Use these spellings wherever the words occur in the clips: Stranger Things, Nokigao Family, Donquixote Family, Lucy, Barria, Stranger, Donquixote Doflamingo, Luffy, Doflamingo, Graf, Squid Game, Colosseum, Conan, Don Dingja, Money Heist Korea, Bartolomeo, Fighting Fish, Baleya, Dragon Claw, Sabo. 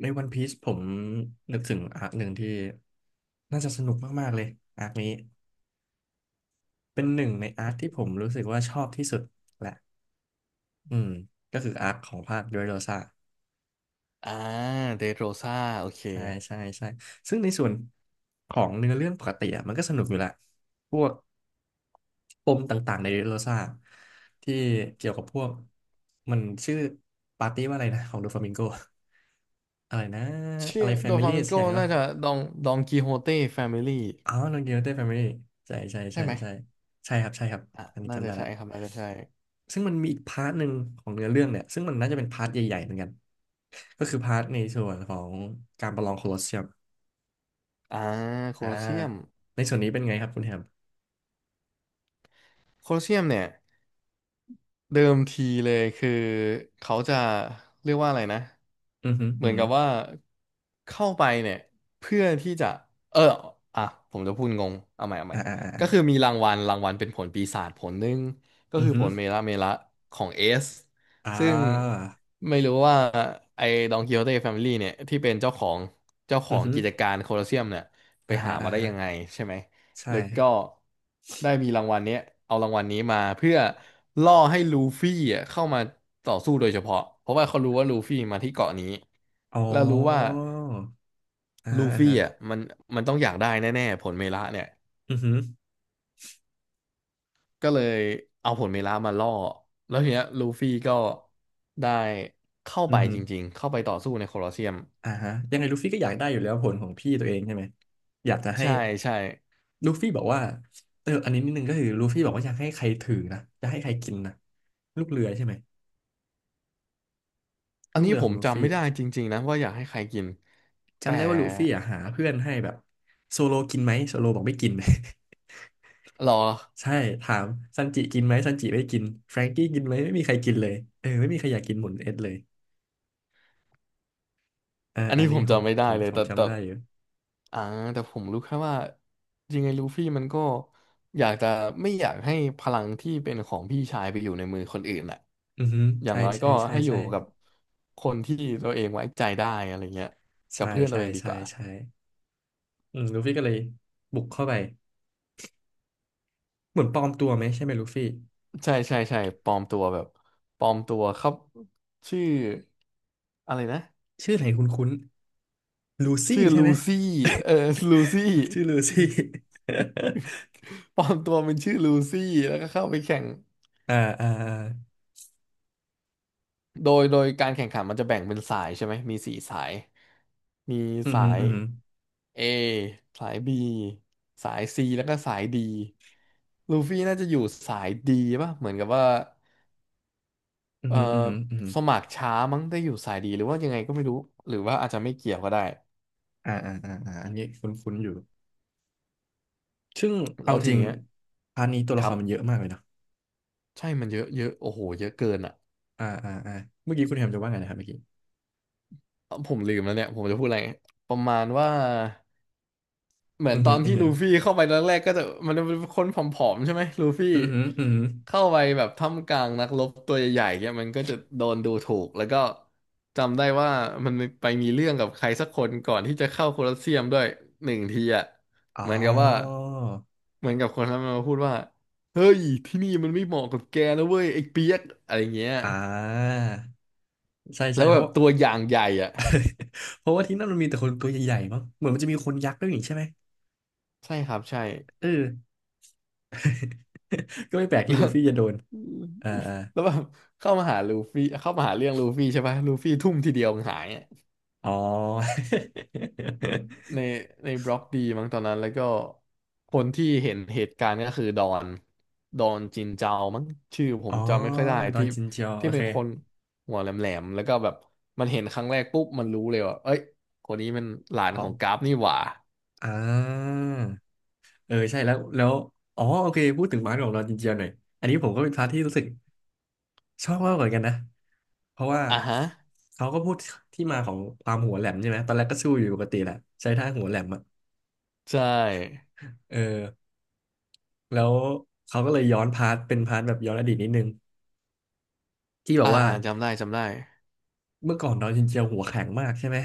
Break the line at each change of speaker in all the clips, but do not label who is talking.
ในวันพีซผมนึกถึงอาร์คหนึ่งที่น่าจะสนุกมากๆเลยอาร์คนี้เป็นหนึ่งในอาร์คที่ผมรู้สึกว่าชอบที่สุดอืมก็คืออาร์คของภาคด u โรซา
อ่าเดโรซาโอเค
ใช่ใช่ใช่ซึ่งในส่วนของเนื้อเรื่องปกติอะมันก็สนุกอยู่แหละพวกปมต่างๆในโรซ่าที่เกี่ยวกับพวกมันชื่อปาร์ตี้ว่าอะไรนะของโดฟามิงโก อะไรนะ
ชื่
อะ
อ
ไรแฟ
โด
มิ
ฟา
ลี่
มิง
สั
โก
กอย่างใช่
น่า
ปะ
จะดองดองกิโฮเต้แฟมิลี่
อ๋อโนเกียวเต้แฟมิลี่ใช่ใช่
ใช่
ใช่
ไหม
ใช่ใช่ครับใช่ครับ
อ่ะ
อันนี้
น่า
จำ
จะ
ได้
ใช่
ละ
ครับน่าจะใช่
ซึ่งมันมีอีกพาร์ทหนึ่งของเนื้อเรื่องเนี่ยซึ่งมันน่าจะเป็นพาร์ทใหญ่ๆเหมือนกันก็คือพาร์ทในส่วนของการประลองโคลอสเซียม
อ่าโค
อ่า
ลอสเซียม
ในส่วนนี้เป็นไงครับคุณแฮม
โคลอสเซียมเนี่ย เดิมทีเลยคือเขาจะเรียกว่าอะไรนะ
อือหึ
เห
อื
มื
อ
อน
ฮึ
กับ
อ
ว่าเข้าไปเนี่ยเพื่อที่จะเอออ่ะผมจะพูดงงเอาใหม่
่าอ่าอ่า
ก็คือ
อา
มีรางวัลเป็นผลปีศาจผลหนึ่งก็
อือ
คือ
ฮึ
ผ
อ
ลเมละเมละของเอส
่า
ซึ่งไม่รู้ว่าไอ้ดองกิโฮเต้แฟมิลี่เนี่ยที่เป็นเจ้าของเจ้าข
อื
อ
อ
ง
ฮึอ
กิจการโคลอสเซียมเนี่ยไป
่าฮะ
หา
อ่า
มาได้
ฮะ
ยังไงใช่ไหม
ใช่
แล้วก็ได้มีรางวัลเนี้ยเอารางวัลนี้มาเพื่อล่อให้ลูฟี่อ่ะเข้ามาต่อสู้โดยเฉพาะเพราะว่าเขารู้ว่าลูฟี่มาที่เกาะนี้
อ๋อ
แล้วรู้ว่า
อ่า
ลู
ฮะอ่า
ฟี่
ฮะ
อ่ะมันต้องอยากได้แน่ๆผลเมละเนี่ย
อือฮึอ
ก็เลยเอาผลเมละมาล่อแล้วทีเนี้ยลูฟี่ก็ได้เข้า
ื
ไป
อฮึอ
จริงๆเข้าไปต่อสู้ในโคลอสเซียม
อ่าฮะยังไงลูฟี่ก็อยากได้อยู่แล้วผลของพี่ตัวเองใช่ไหมอยากจะให้
ใช่ใช่
ลูฟี่บอกว่าเอออันนี้นิดนึงก็คือลูฟี่บอกว่าอยากให้ใครถือนะจะให้ใครกินนะลูกเรือใช่ไหม
อัน
ลูก
นี้
เรือ
ผ
ขอ
ม
งลู
จำ
ฟี่
ไม่ได้จริงๆนะว่าอยากให้ใครกินแต่
จำได้ว่าลูฟี่อ่ะหาเพื่อนให้แบบโซโลกินไหมโซโลบอกไม่กิน
หรอ
ใช่ถามซันจิกินไหมซันจิไม่กินแฟรงกี้กินไหมไม่มีใครกินเลยเออไม่มีใครอยากกินหมุนเอ็ดเลยอ่า
อัน
อัน
นี้ผ
นี้
ม
ผม
จำไม่ได้เลยแต่
จำได้อยู่
อ่าแต่ผมรู้แค่ว่าจริงไงลูฟี่มันก็อยากจะไม่อยากให้พลังที่เป็นของพี่ชายไปอยู่ในมือคนอื่นแหละ
อือฮึ
อย่าง
ใช่
น้อย
ใช่
ก็
ใช่
ให้อยู่
ใช่
กับคนที่ตัวเองไว้ใจได้อะไรเงี้ยกั
ใช่
บเพื่อนตั
ใช่
วเองดี
ใช่
กว่า
ใช่อืมลูฟี่ก็เลยบุกเข้าไปเหมือนปลอมตัวไหมใช่ไหมลูฟี่
ใช่ใช่ใช่ปลอมตัวแบบปลอมตัวครับชื่ออะไรนะ
ชื่อไหนคุ้นๆลูซี่
ชื่อ
ใช่ไห
ลู
ม
ซี่เออลูซี่
ชื่อลูซี่
ปลอมตัวเป็นชื่อลูซี่แล้วก็เข้าไปแข่ง
อ่าอ่าอ่า
โดยการแข่งขันมันจะแบ่งเป็นสายใช่ไหมมีสี่สายมี
อืม
สา
ฮึ
ย
อืมฮึ
A สาย B สาย C แล้วก็สาย D ลูฟี่น่าจะอยู่สาย D ป่ะเหมือนกับว่า
อืม
เออ
ฮึอืมฮึอืมฮึ
สมัครช้ามั้งได้อยู่สาย D หรือว่ายังไงก็ไม่รู้หรือว่าอาจจะไม่เกี่ยวก็ได้
อ่าอ่าอ่าอ่าอันนี้คุ้นๆอยู่ซึ่งเอา
แล้วที
จริง
เนี้ย
พาร์ทนี้ตัว
ค
ละค
รั
ร
บ
มันเยอะมากเลยเนาะ
ใช่มันเยอะเยอะโอ้โหเยอะเกินอ่ะ
อ่าอ่าอ่าเมื่อกี้คุณแฮมจะว่าไงนะครับเมื่อกี้
ผมลืมแล้วเนี่ยผมจะพูดอะไรประมาณว่า เหมือ
อื
น
ม
ต
ฮึ
อน
อืม
ที่
ฮึ
ลูฟี่เข้าไปตอนแรกก็จะมันจะเป็นคนผอมๆใช่ไหมลูฟี่
อืมฮึอืมฮึ
เข้าไปแบบท่ามกลางนักรบตัวใหญ่ๆเนี่ยมันก็จะโดนดูถูกแล้วก็จำได้ว่ามันไปมีเรื่องกับใครสักคนก่อนที่จะเข้าโคลอสเซียมด้วยหนึ่งทีอ่ะ
อ๋
เหมือนกับว่า
อ
เหมือนกับคนนั้นมันมาพูดว่าเฮ้ยที่นี่มันไม่เหมาะกับแกนะเว้ยไอ้เปียกอะไรเงี้ย
อ่าใช่
แล้
ใช่
ว
เพ
แบ
ราะ
บตัวอย่างใหญ่อ่ะ
เพราะว่าที่นั่นมันมีแต่คนตัวใหญ่ๆมั้งเหมือนมันจะมีคนยักษ์ด้วยนี่ใช่ไหม
ใช่ครับใช่
เออ ก็ไม่แปลกที่
แล้
ลู
ว
ฟี่จะโดนอ่าอ่า
แล้วแบบ เข้ามาหาลูฟี่เข้ามาหาเรื่องลูฟี่ใช่ปะลูฟี่ทุ่มทีเดียวมันหายอะ
อ๋อ
ในในบล็อกดีมั้งตอนนั้นแล้วก็คนที่เห็นเหตุการณ์ก็คือดอนจินเจามั้งชื่อผ
อ๋อ
มจำไม่ค่อยได้
ดอ
ที่
นจินเจียวโอ
ที่เป็
เค
นคนหัวแหลมๆแล้วก็แบบมันเห็นครั้งแรกปุ๊บมันรู้เลยว่าเอ้ยคนนี้มันหลาน
ข
ข
อ
อ
ง
งกราฟนี่หว่า
อ่าเออใช่แล้วแล้วอ๋อโอเคพูดถึงมาร์ทของดอนจินเจียวหน่อยอันนี้ผมก็เป็นพาร์ทที่รู้สึกชอบมากเหมือนกันนะเพราะว่า
อ่ะฮะ
เขาก็พูดที่มาของความหัวแหลมใช่ไหมตอนแรกก็สู้อยู่ปกติแหละใช้ท่าหัวแหลมอะ
ใช่
เออแล้วเขาก็เลยย้อนพาร์ทเป็นพาร์ทแบบย้อนอดีตนิดนึงที่แบบ
อ่า
ว่า
อ่าจำได้จำได้
เมื่อก่อนดอนจินเจียวหัวแข็งมากใช่ไหม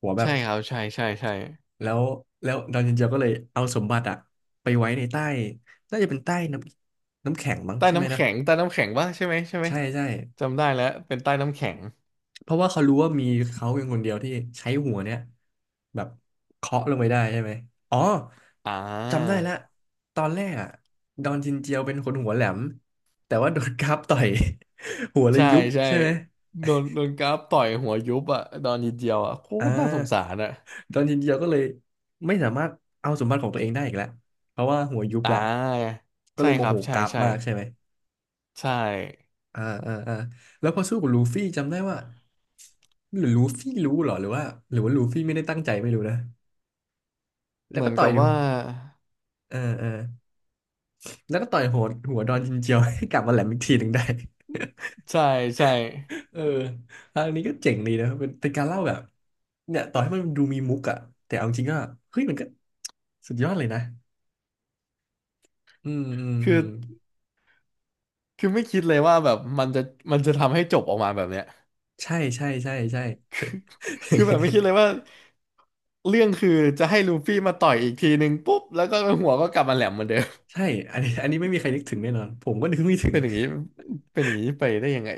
หัวแบ
ใช่
บ
ครับใช่ใช่ใช่
แล้วแล้วดอนเย็นเจียวก็เลยเอาสมบัติอะไปไว้ในใต้น่าจะเป็นใต้น้ำน้ำแข็งมั้ง
ใต้
ใช่ไหม
น้ำ
นะ
แข็งใต้น้ำแข็งปะใช่ไหมใช่ไหม
ใช่ใช่
จำได้แล้วเป็นใต้น้ำแข็ง
เพราะว่าเขารู้ว่ามีเขาเพียงคนเดียวที่ใช้หัวเนี่ยแบบเคาะลงไปได้ใช่ไหมอ๋อ
อ่า
จำได้ละตอนแรกอะดอนจินเจียวเป็นคนหัวแหลมแต่ว่าโดนกราฟต่อย หัวเลย
ใช่
ยุบ
ใช่
ใช่ไหม
โดนกราฟต่อยหัวยุบอ่ะตอนนิดเดียวอ่ะโค
อ่
ตรน่าสงสา
า
รอ่ะ
ดอนจินเจียวก็เลยไม่สามารถเอาสมบัติของตัวเองได้อีกแล้วเพราะว่าหัวยุบ
อ่
แล้ว
า
ก็
ใช่
เลยโม
ครั
โห
บใช่
กราฟ
ใช่
มากใช่ไหม
ใช่
อ่าอ่าอ่าแล้วพอสู้กับลูฟี่จำได้ว่าหรือลูฟี่รู้เหรอหรือว่าหรือว่าลูฟี่ไม่ได้ตั้งใจไม่รู้นะแล้
เห
ว
มื
ก็
อน
ต่อ
กั
ย
บว่า
เออเออแล้วก็ต่อยหัวดอนจินเจียวให้กลับมาแหลมอีกทีหนึ่งได้
ใช่ใช่
เอออันนี้ก็เจ๋งดีนะเป็นการเล่าแบบเนี่ยต่อให้มันดูมีมุกอะแต่เอาจริงก็เฮ้ยมันก็สุดยอดเลยนะอืมอืมอื
คือ
ม
คือไม่คิดเลยว่าแบบมันจะทำให้จบออกมาแบบเนี้ย
ใช่ใช่ ใช่ใช่
คือแบบไม่คิดเลย ว่าเรื่องคือจะให้ลูฟี่มาต่อยอีกทีหนึ่งปุ๊บแล้วก็หัวก็กลับมาแหลมเหมือนเดิม
ใช่อันนี้ไม่มีใครนึกถึงแน่นอนผมก็นึกไม่ถึ ง
เป็นอย่างนี้เป็นอย่างนี้ไปได้ยังไง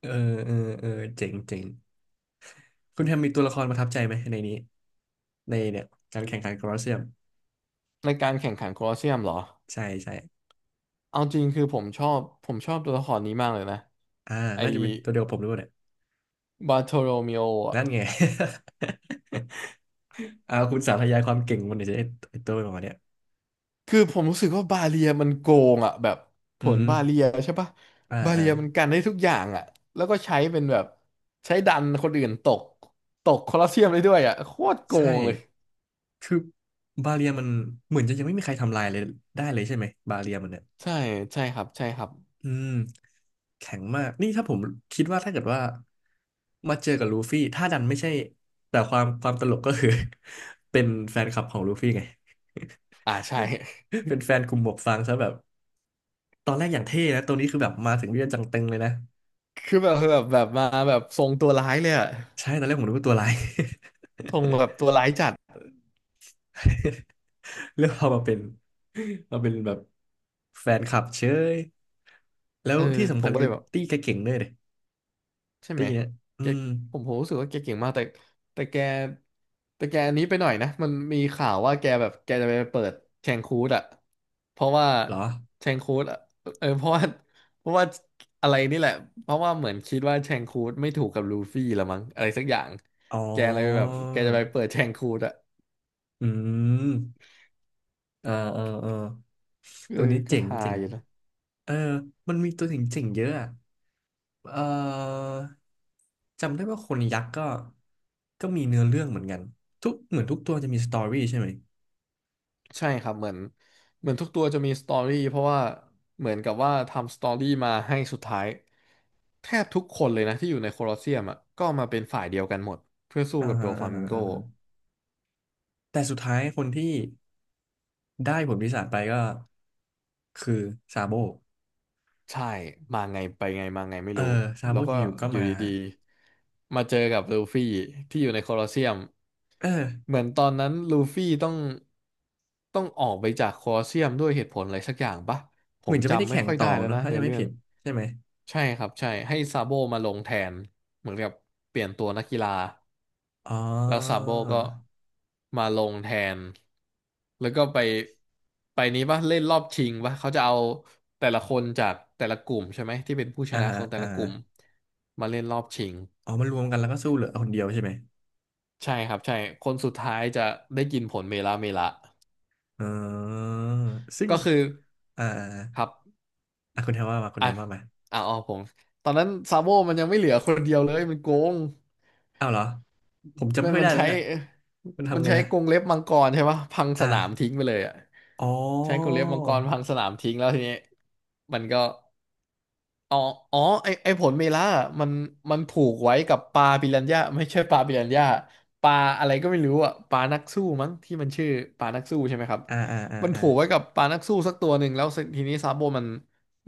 เออเออเออเจ๋งเจ๋งคุณแฮมมีตัวละครประทับใจไหมในนี้ ในเนี่ยการแข่งขันโคลอสเซียม
ในการแข่งขันโคลอสเซียมเหรอ
ใช่ใช่
เอาจริงคือผมชอบตัวละครนี้มากเลยนะ
อ่า
ไอ้
น่าจะเป็นตัวเดียวกับผมหรือเล่านี่ย
บาโทโรเมโออ่ะ
นั่นไง อ่าคุณสาธยายความเก่งมันเดี๋ยวจไอ้ตัวหมาเนี่ย
คือผมรู้สึกว่าบาเลียมันโกงอ่ะแบบผ
อือ
ล
ฮึ
บาเลียใช่ปะ
อ่า
บา
อ่า
เลียมันกันได้ทุกอย่างอ่ะแล้วก็ใช้เป็นแบบใช้ดันคนอื่นตกคอลอสเซียมได้ด้วยอ่ะโคตรโก
ใช่
งเลย
คือบาเรียมันเหมือนจะยังไม่มีใครทำลายเลยได้เลยใช่ไหมบาเรียมันเนี่ย
ใช่ใช่ครับใช่ครับ
อืมแข็งมากนี่ถ้าผมคิดว่าถ้าเกิดว่ามาเจอกับลูฟี่ถ้าดันไม่ใช่แต่ความตลกก็คือ เป็นแฟนคลับของลูฟี่ไง
อ่าใช่
เป็นแฟนกลุ่มหมวกฟางซะแบบ ตอนแรกอย่างเท่นะตัวนี้คือแบบมาถึงเรียกจังตึงเลยนะ
คือแบบแบบมาแบบทรงตัวร้ายเลยอ่ะ
ใช่ตอนแรกผมนึกว่าตัวร้าย
ทรงแบบตัวร้ายจัด
เลือกเอามาเป็นมาเป็นแบบแฟนคลับเชยแล้
เอ
ว
อ
ที่
ผ
สำคั
ม
ญ
ก็เล
คือ
ยแบบ
ตี้แกเก่งด้วยเลย
ใช่ไหม
ตี้เนี่ยอื
แก
ม
ผมรู้สึกว่าแกเก่งมาก แต่แต่แกแต่แกอันนี้ไปหน่อยนะ มันมีข่าวว่าแกแบบแกจะไปเปิดแชงคูดอะเพราะว่า
เหรอ
แชงคูดอะเออเพราะว่าอะไรนี่แหละ เพราะว่าเหมือนคิดว่าแชงคูดไม่ถูกกับลูฟี่ละมั้งอะไรสักอย่าง
อ๋อ
แกเลยแบบแกจะไปเปิดแชงคูดอะ
อืมอ่าอ่าอ่า
เออ
ตัวนี้
ก็
เจ๋ง
ฮา
เจ๋ง
อยู่นะ
เออมันมีตัวเจ๋งเจ๋งเยอะอะเออจำได้ว่าคนยักษ์ก็ก็มีเนื้อเรื่องเหมือนกันทุกเหมือนทุกตัวจะมีสตอรี่ใช่ไหม
ใช่ครับเหมือนทุกตัวจะมีสตอรี่เพราะว่าเหมือนกับว่าทำสตอรี่มาให้สุดท้ายแทบทุกคนเลยนะที่อยู่ในโคลอสเซียมอ่ะก็มาเป็นฝ่ายเดียวกันหมดเพื่อสู้
อ่า
กับโด
ฮะอ่า
ฟามิ
ฮะ
งโก
อ่าฮะแต่สุดท้ายคนที่ได้ผลปีศาจไปก็คือซาโบ
ใช่มาไงไปไงมาไงไม่
เออ
รู้
ซา
แล้
โบ
วก็
อยู่ๆก็
อยู่
มา
ดีๆมาเจอกับลูฟี่ที่อยู่ในโคลอสเซียม
เออ
เหมือนตอนนั้นลูฟี่ต้องออกไปจากโคลอสเซียมด้วยเหตุผลอะไรสักอย่างปะผ
เหมื
ม
อนจะไม่ได้
จำไม่
แข่ง
ค่อย
ต่
ได้
อ
แล้ว
เนอะ
นะ
ถ้า
ใน
จะไม่
เรื่อง
ผิดใช่ไหม
ใช่ครับใช่ให้ซาโบมาลงแทนเหมือนกับเปลี่ยนตัวนักกีฬา
อ๋อ
แล้วซาโบก็มาลงแทนแล้วก็ไปไปนี้ป่ะเล่นรอบชิงป่ะเขาจะเอาแต่ละคนจากแต่ละกลุ่มใช่ไหมที่เป็นผู้ช
อ่า
นะ
ฮะ
ของแต่
อ่า
ละก
ฮะ
ลุ่มมาเล่นรอบชิง
อ๋อมารวมกันแล้วก็สู้เหลือคนเดียวใช่ไหม
ใช่ครับใช่คนสุดท้ายจะได้กินผลเมลาเมละ
อ๋อซึ่ง
ก็คือ
อ่า
ครับ
อ่ะคุณแทนว่ามาคุณ
อ่ะ
แทนว่ามา
อ่ะอ๋อผมตอนนั้นซาโบมันยังไม่เหลือคนเดียวเลยมันโกง
อ้าวเหรอผมจำ
มั
ไม่
น
ค่อย
มัน
ได้แล้ว
ใช้
เนี่ยมัน
มัน
ทำไง
ใช้
นะ
กรงเล็บมังกรใช่ปะพังส
อ่
นามทิ้ง
า
ไปเลยอ่ะ
อ๋อ
ใช้กรงเล็บมังกรพังสนามทิ้งแล้วทีนี้มันก็อ๋ออ๋อไอไอผลเมล่าอะมันผูกไว้กับปลาปิรันย่าไม่ใช่ปลาปิรันย่าปลาอะไรก็ไม่รู้อ่ะปลานักสู้มั้งที่มันชื่อปลานักสู้ใช่ไหมครับ
อ่าอ่าอ่า
มัน
อ่า
ผูกไว้กับปลานักสู้สักตัวหนึ่งแล้วทีนี้ซาโบมัน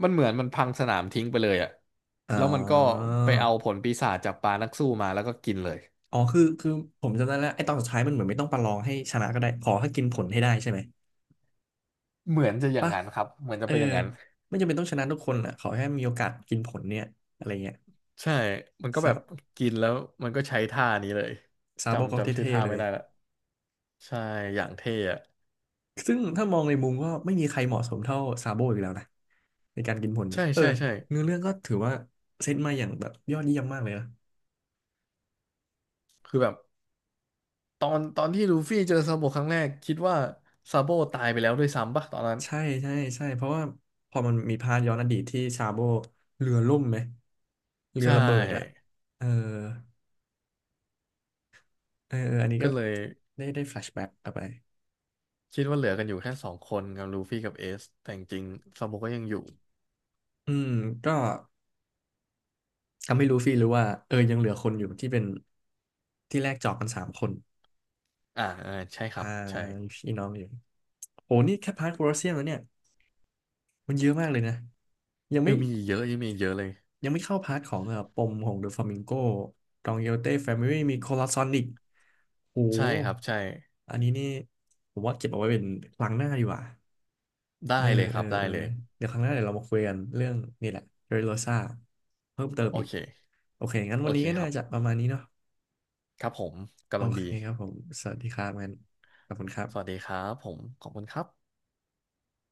มันเหมือนมันพังสนามทิ้งไปเลยอ่ะ
อ๋อ
แล้วมันก็ไปเอาผลปีศาจจากปลานักสู้มาแล้วก็กินเลย
อ๋อคือคือผมจำได้แล้วไอ้ตอนสุดท้ายมันเหมือนไม่ต้องประลองให้ชนะก็ได้ขอให้กินผลให้ได้ใช่ไหม
เหมือนจะอย่าง
ปะ
นั้นครับเหมือนจะ
เออ
เป็นอย่างนั้น
ไม่จำเป็นต้องชนะทุกคนแหละขอแค่มีโอกาสกินผลเนี่ยอะไรเงี้ย
ใช่มันก็แบ
ซา
บกินแล้วมันก็ใช้ท่านี้เลย
ซาโบก็
จำชื่อ
เท่
ท่า
ๆเล
ไม่
ย
ได้ละใช่อย่างเท่อะ
ซึ่งถ้ามองในมุมก็ไม่มีใครเหมาะสมเท่าซาโบอีกแล้วนะในการกินผลนี้
ใช่
เออ
ใช่ใช่
เนื้อเรื่องก็ถือว่าเซตมาอย่างแบบยอดเยี่ยมมากเลยนะ
คือแบบตอนที่ลูฟี่เจอซาโบครั้งแรกคิดว่าซาโบตายไปแล้วด้วยซ้ำปะตอนนั้น
ใช่ใช่ใช่เพราะว่าพอมันมีพาร์ทย้อนอดีตที่ซาโบเรือล่มไหมเรื
ใช
อระเบิดอะ
่
เออ เออออันนี้ก็
ก็เลย
ได้ได้แฟลชแบ็กกลับไป
คิดว่าเหลือกันอยู่แค่สองคนกับลูฟี่กับเอสแต่จริงๆซาโบก็ยังอยู่
อืมก็ทำให้ลูฟี่รู้ว่าเออยังเหลือคนอยู่ที่เป็นที่แรกจอกกันสามคน
ใช่ครั
อ่า
บใช่
มีพี่น้องอยู่โหนี่แค่พาร์ทโคลอสเซียมแล้วเนี่ยมันเยอะมากเลยนะ ยังไม่
ยังมีอีกเยอะยังมีอีกเยอะเลย
ยังไม่เข้าพาร์ทของปมของเดอะฟลามิงโกดองเยลเต้แฟมิลี่มีโคลอสซอนอีกโห
ใช่ครับใช่
อันนี้นี่ผมว่าเก็บเอาไว้เป็นครั้งหน้าดีกว่า
ได้
เออ
เลยค
เอ
รั
อ
บได้
เออ
เลย
เดี๋ยวครั้งหน้าเดี๋ยวเรามาคุยกันเรื่องนี่แหละเรโรซ่าเพิ่มเติม
โอ
อีก
เค
โอเค งั้น
โอ
วัน
เค
นี้ก็
ค
น่า
รับ
จะประมาณนี้เนาะ
ครับผม
โอ
กำลัง
เค
ดี
ครับผม สวัสดีครับงั้นขอบคุณครั
สวัส
บ
ดีครับผมขอบคุณครับ